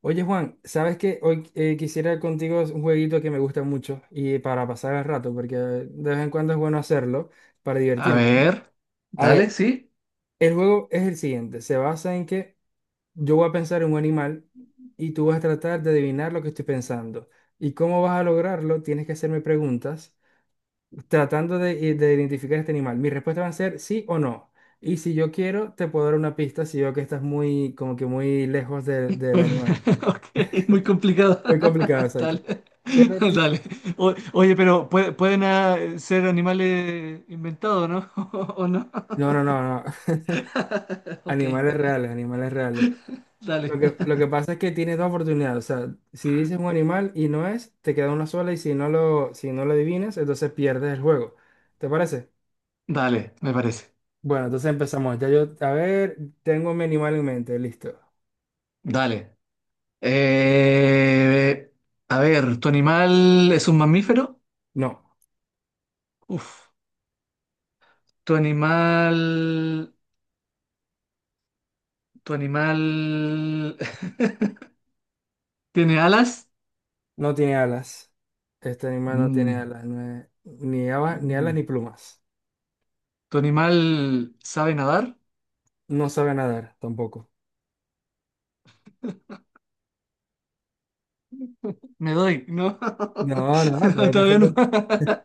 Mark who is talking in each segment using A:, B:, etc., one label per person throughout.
A: Oye Juan, ¿sabes qué? Hoy quisiera contigo un jueguito que me gusta mucho y para pasar el rato, porque de vez en cuando es bueno hacerlo para
B: A
A: divertirme, ¿no?
B: ver,
A: A
B: dale,
A: ver,
B: sí.
A: el juego es el siguiente, se basa en que yo voy a pensar en un animal y tú vas a tratar de adivinar lo que estoy pensando. ¿Y cómo vas a lograrlo? Tienes que hacerme preguntas tratando de identificar este animal. Mis respuestas van a ser sí o no. Y si yo quiero, te puedo dar una pista si veo que estás muy, como que muy lejos de- del animal.
B: Ok, muy complicado.
A: Muy complicado, exacto.
B: Dale,
A: Pero
B: dale. Oye, pero pueden ser animales inventados, ¿no? ¿O no?
A: no, no, no, no.
B: Ok,
A: Animales reales, animales reales. Lo
B: dale.
A: que, lo que pasa es que tienes dos oportunidades. O sea, si dices un animal y no es, te queda una sola y si no lo, si no lo adivinas, entonces pierdes el juego. ¿Te parece?
B: Dale, me parece.
A: Bueno, entonces empezamos. Ya yo, a ver, tengo mi animal en mente, listo.
B: Dale. Eh, a ver, ¿tu animal es un mamífero?
A: No,
B: Uf. ¿Tu animal... ¿Tu animal tiene alas?
A: no tiene alas. Este animal no tiene
B: Mm,
A: alas, no es- ni alas, ni alas
B: mm.
A: ni plumas.
B: ¿Tu animal sabe nadar?
A: No sabe nadar tampoco.
B: Me doy, ¿no?
A: No, no, no,
B: No,
A: todavía te
B: todavía no.
A: falta-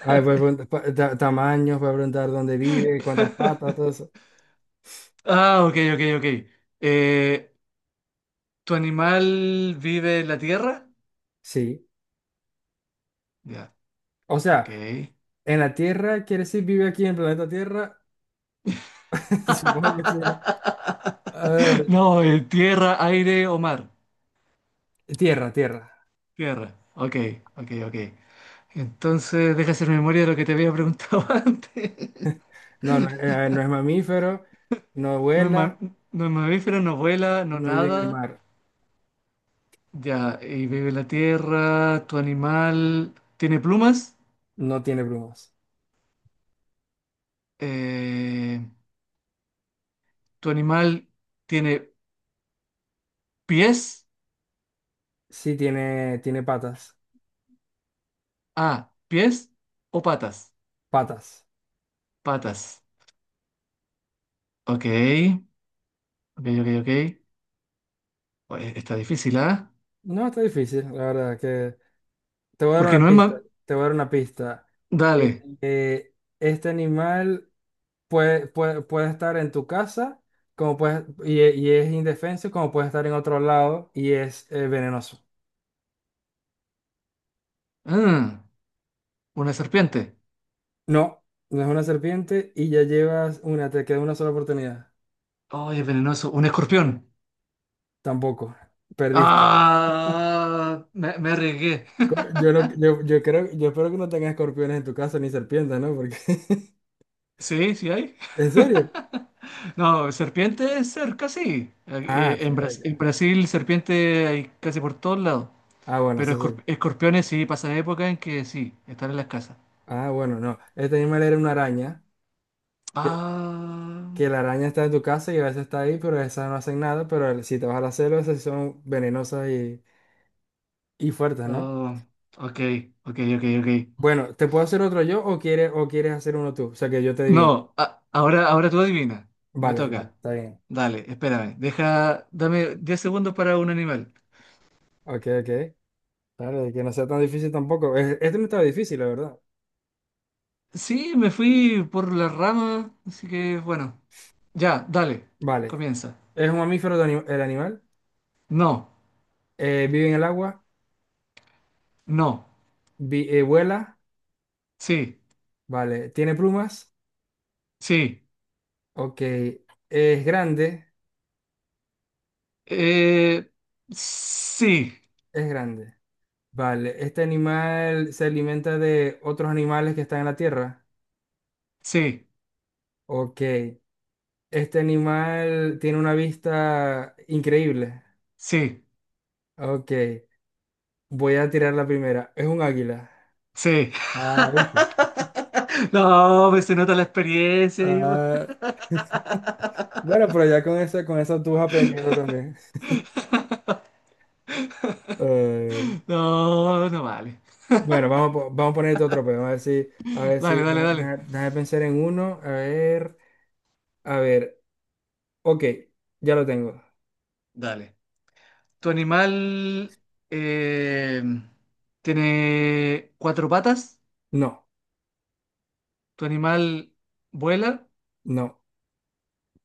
A: Ay, tamaños, voy a preguntar dónde vive, cuántas patas, todo eso.
B: Ah, ok, ok, ok. Eh, ¿Tu animal vive en la tierra?
A: Sí.
B: Ya,
A: O
B: ok.
A: sea, en la Tierra, ¿quiere decir vive aquí en el planeta Tierra? Supongo que sí, ¿no? A ver,
B: No, en tierra, aire o mar.
A: Tierra, Tierra.
B: Tierra. Ok, ok, ok. Entonces, deja hacer memoria de lo que te había preguntado antes.
A: No es mamífero, no
B: No es, ma-
A: vuela,
B: no es mamífero, no vuela, no
A: no vive en el
B: nada.
A: mar,
B: Ya, y vive en la tierra. ¿Tu animal tiene plumas?
A: no tiene plumas.
B: Eh, ¿Tu animal tiene pies?
A: Sí tiene, tiene patas,
B: Ah, ¿pies o patas?
A: patas.
B: Patas. Ok, ok, ok, ok. Oye, está difícil, ¿ah?
A: No, está difícil, la verdad que... Te voy a dar
B: Porque
A: una
B: no es
A: pista,
B: más...
A: te voy a dar una pista.
B: Dale.
A: Eh, este animal puede estar en tu casa como puede, y es indefenso, como puede estar en otro lado y es venenoso.
B: Ah, una serpiente.
A: No, no es una serpiente y ya llevas una, te queda una sola oportunidad.
B: Oye, es venenoso. Un escorpión.
A: Tampoco, perdiste.
B: Ah, me arriesgué.
A: Co- Yo, no- yo creo, yo espero que no tengas escorpiones en tu casa ni serpientes, ¿no? Porque,
B: Sí, sí hay.
A: ¿en serio?
B: No, serpiente cerca, sí.
A: Ah, en serio.
B: En Brasil, serpiente hay casi por todos lados.
A: Ah, bueno,
B: Pero
A: eso sí.
B: escorpiones sí, pasan época en que sí, están en las casas.
A: Ah, bueno, no. Este animal era una araña, que,
B: Ah,
A: que la araña está en tu casa y a veces está ahí, pero esas no hacen nada, pero el- si te vas a la selva, esas sí son venenosas y fuertes, ¿no?
B: oh, ok, ok, ok, ok.
A: Bueno, ¿te puedo hacer otro yo o quieres hacer uno tú? O sea, que yo te adivine.
B: No, ahora, ahora tú adivina. Me
A: Vale, dale,
B: toca.
A: está bien.
B: Dale, espérame. Dame 10 segundos para un animal.
A: Ok, ok. Claro, que no sea tan difícil tampoco. Es- Este no estaba difícil, la verdad.
B: Sí, me fui por la rama, así que bueno. Ya, dale,
A: Vale.
B: comienza.
A: Es un mamífero de ani- el animal.
B: No,
A: Vive en el agua.
B: no,
A: Vuela.
B: sí,
A: Vale. Tiene plumas.
B: sí,
A: Ok. Es grande.
B: eh, sí,
A: Es grande. Vale. Este animal se alimenta de otros animales que están en la tierra.
B: sí,
A: Ok. Este animal tiene una vista increíble.
B: sí,
A: Ok. Voy a tirar la primera. Es un águila.
B: sí.
A: Ah, ¿viste?
B: No, pues se nota la experiencia y...
A: Ah, bueno, pero ya con esa tú vas aprendiendo también. Eh,
B: No, no vale.
A: bueno, vamos, a po- vamos a ponerte otro pero a ver si,
B: Dale, dale, dale.
A: déjame pensar en uno, a ver, ok, ya lo tengo.
B: Dale. ¿Tu animal eh, tiene cuatro patas?
A: No,
B: ¿Tu animal vuela?
A: no,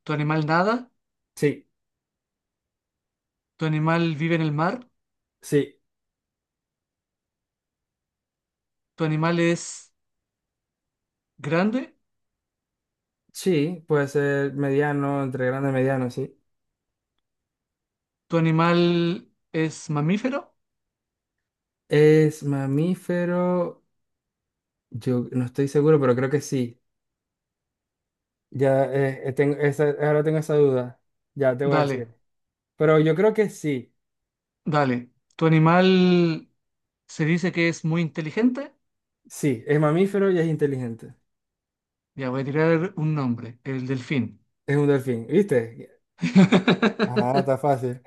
B: ¿Tu animal nada?
A: sí,
B: ¿Tu animal vive en el mar?
A: sí,
B: ¿Tu animal es grande?
A: sí, puede ser mediano, entre grande y mediano, sí.
B: ¿Tu animal es mamífero?
A: Es mamífero, yo no estoy seguro, pero creo que sí. Ya tengo esa, ahora tengo esa duda, ya te voy a
B: Dale,
A: decir. Pero yo creo que sí,
B: dale. ¿Tu animal se dice que es muy inteligente?
A: sí, es mamífero y es inteligente.
B: Ya voy a tirar un nombre, el delfín.
A: Es un delfín, ¿viste? Ah, está fácil.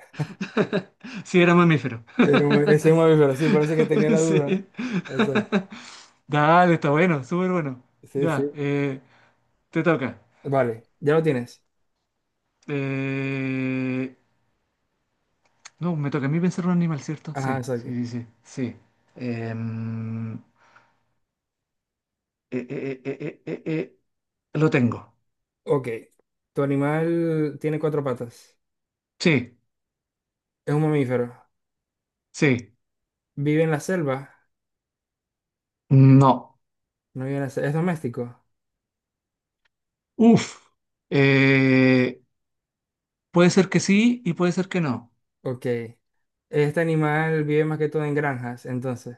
B: Sí, era mamífero.
A: Era un- ese es un mamífero, sí, parece que tenía la duda.
B: Sí.
A: Exacto.
B: Dale, está bueno, súper bueno.
A: Sí,
B: Ya,
A: sí.
B: te toca.
A: Vale, ya lo tienes.
B: Eh, no, me toca a mí pensar un animal, ¿cierto?
A: Ajá,
B: Sí,
A: exacto.
B: sí, sí, sí, sí. Em, eh, eh, eh, eh, eh, eh, eh, lo tengo.
A: Ok. Tu animal tiene cuatro patas.
B: Sí,
A: Es un mamífero.
B: sí.
A: Vive en la selva.
B: No.
A: No vive en la selva. Es doméstico.
B: Uf. Eh, puede ser que sí y puede ser que no.
A: Ok. Este animal vive más que todo en granjas, entonces.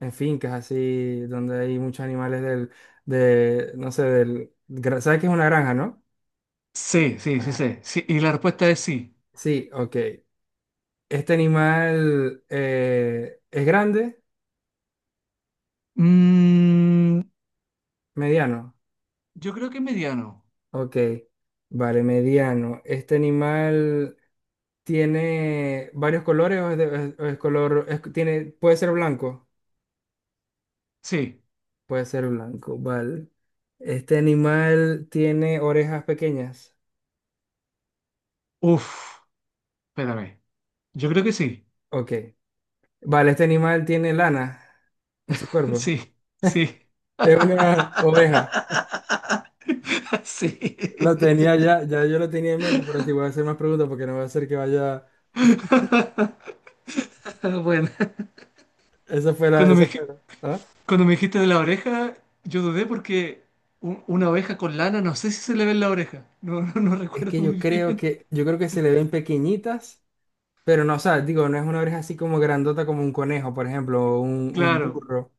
A: En fincas así, donde hay muchos animales del, de, no sé, del, gra- ¿sabes qué es una granja, no?
B: Sí, sí, sí,
A: Ajá.
B: sí, sí. Y la respuesta es sí.
A: Sí, ok. Este animal es grande,
B: Mm,
A: mediano.
B: yo creo que mediano.
A: Ok, vale, mediano. ¿Este animal tiene varios colores o es, o es color, es- tiene, puede ser blanco?
B: Sí.
A: Puede ser blanco, vale. ¿Este animal tiene orejas pequeñas?
B: Uf. Espérame. Yo creo que sí.
A: Ok, vale, ¿este animal tiene lana en su cuerpo?
B: Sí. Sí.
A: Es una oveja.
B: Sí.
A: Lo tenía ya, ya yo lo tenía en mente, pero si voy a hacer más preguntas porque no va a ser que vaya,
B: Bueno, cuando
A: esa
B: me, dij-
A: fue la- ¿ah?
B: cuando me dijiste de la oreja, yo dudé porque una oveja con lana, no sé si se le ve en la oreja. No, no, no
A: Es que
B: recuerdo
A: yo
B: muy
A: creo
B: bien.
A: que, yo creo que se le ven pequeñitas. Pero no, o sea, digo, no es una oreja así como grandota como un conejo, por ejemplo, o un
B: Claro,
A: burro.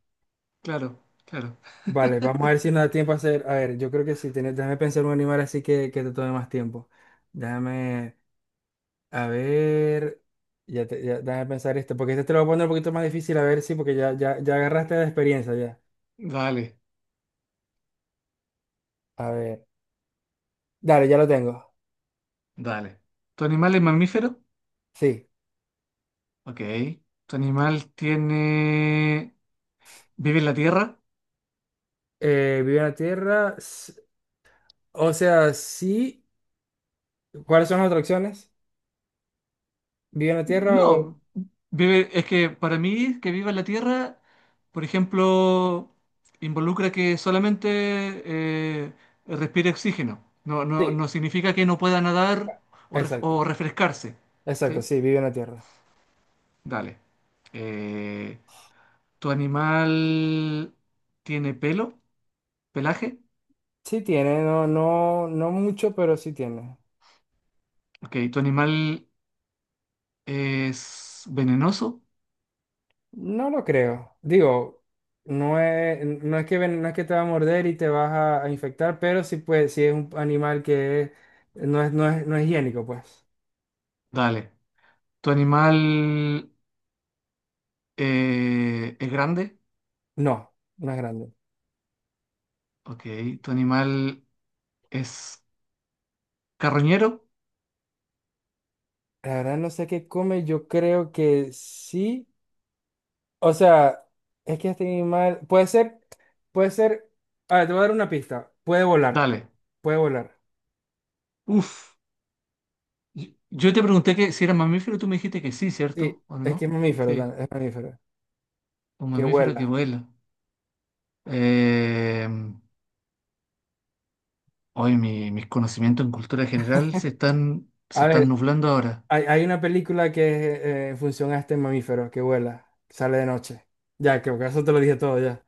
B: claro, claro.
A: Vale, vamos a ver si nos da tiempo a hacer. A ver, yo creo que sí, tiene- déjame pensar un animal así que te tome más tiempo. Déjame, a ver, ya, te- ya- déjame pensar este, porque este te lo voy a poner un poquito más difícil, a ver, sí, porque ya, ya, ya agarraste la experiencia ya.
B: Dale,
A: A ver, dale, ya lo tengo.
B: dale. ¿Tu animal es mamífero?
A: Sí.
B: Ok. ¿Tu animal tiene... ¿vive en la tierra?
A: Vive en la tierra, s- o sea, sí. ¿Cuáles son las otras opciones? ¿Vive en la tierra o...?
B: No, vive, es que para mí que viva en la Tierra, por ejemplo, involucra que solamente respire oxígeno. No, no,
A: Sí.
B: no significa que no pueda nadar o, o
A: Exacto.
B: refrescarse.
A: Exacto,
B: ¿Sí?
A: sí, vive en la Tierra.
B: Dale. Eh, ¿Tu animal tiene pelo? ¿Pelaje?
A: Sí tiene, no, no, no mucho, pero sí tiene.
B: Ok, ¿tu animal es venenoso?
A: No lo creo. Digo, no es, no es que ven- no es que te va a morder y te vas a infectar, pero sí puede, sí es un animal que es- no es, no es, no es higiénico, pues.
B: Dale. ¿Tu animal es grande?
A: No, no es grande.
B: Ok, ¿tu animal ¿es carroñero?
A: La verdad no sé qué come, yo creo que sí. O sea, es que este animal puede ser, puede ser. A ver, te voy a dar una pista. Puede volar.
B: Dale.
A: Puede volar.
B: Uf. Yo te pregunté que si era mamífero, tú me dijiste que sí,
A: Sí,
B: ¿cierto? ¿O
A: es que es
B: no?
A: mamífero, tan-
B: Sí.
A: es mamífero.
B: Un
A: Que
B: mamífero que
A: vuela.
B: vuela. Eh, hoy mis conocimientos en cultura general se
A: A
B: están
A: ver,
B: nublando ahora.
A: hay una película que es en función a este mamífero que vuela, sale de noche. Ya, creo que eso te lo dije todo ya.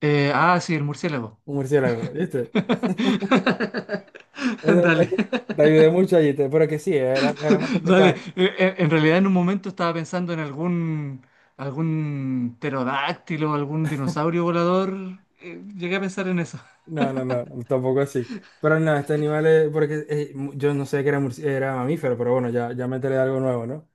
B: Sí, el murciélago.
A: Un murciélago, ¿viste? Eso-
B: Dale.
A: eso- te ayudé mucho allí, te- pero que sí, era, era más
B: Dale.
A: complicado.
B: En realidad en un momento estaba pensando en algún pterodáctilo, algún dinosaurio volador. Llegué a pensar en eso.
A: No, no, no, tampoco así. Pero no, este animal es, porque mu- yo no sé que era, murci- era mamífero, pero bueno, ya, ya me métele algo nuevo, ¿no?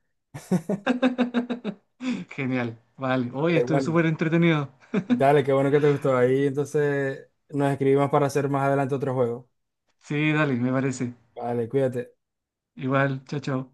B: Genial, vale. Hoy
A: Dale,
B: estuve
A: bueno,
B: súper entretenido.
A: dale, qué bueno que te gustó. Ahí entonces nos escribimos para hacer más adelante otro juego.
B: Sí, dale, me parece.
A: Vale, cuídate.
B: Igual, chao, chao.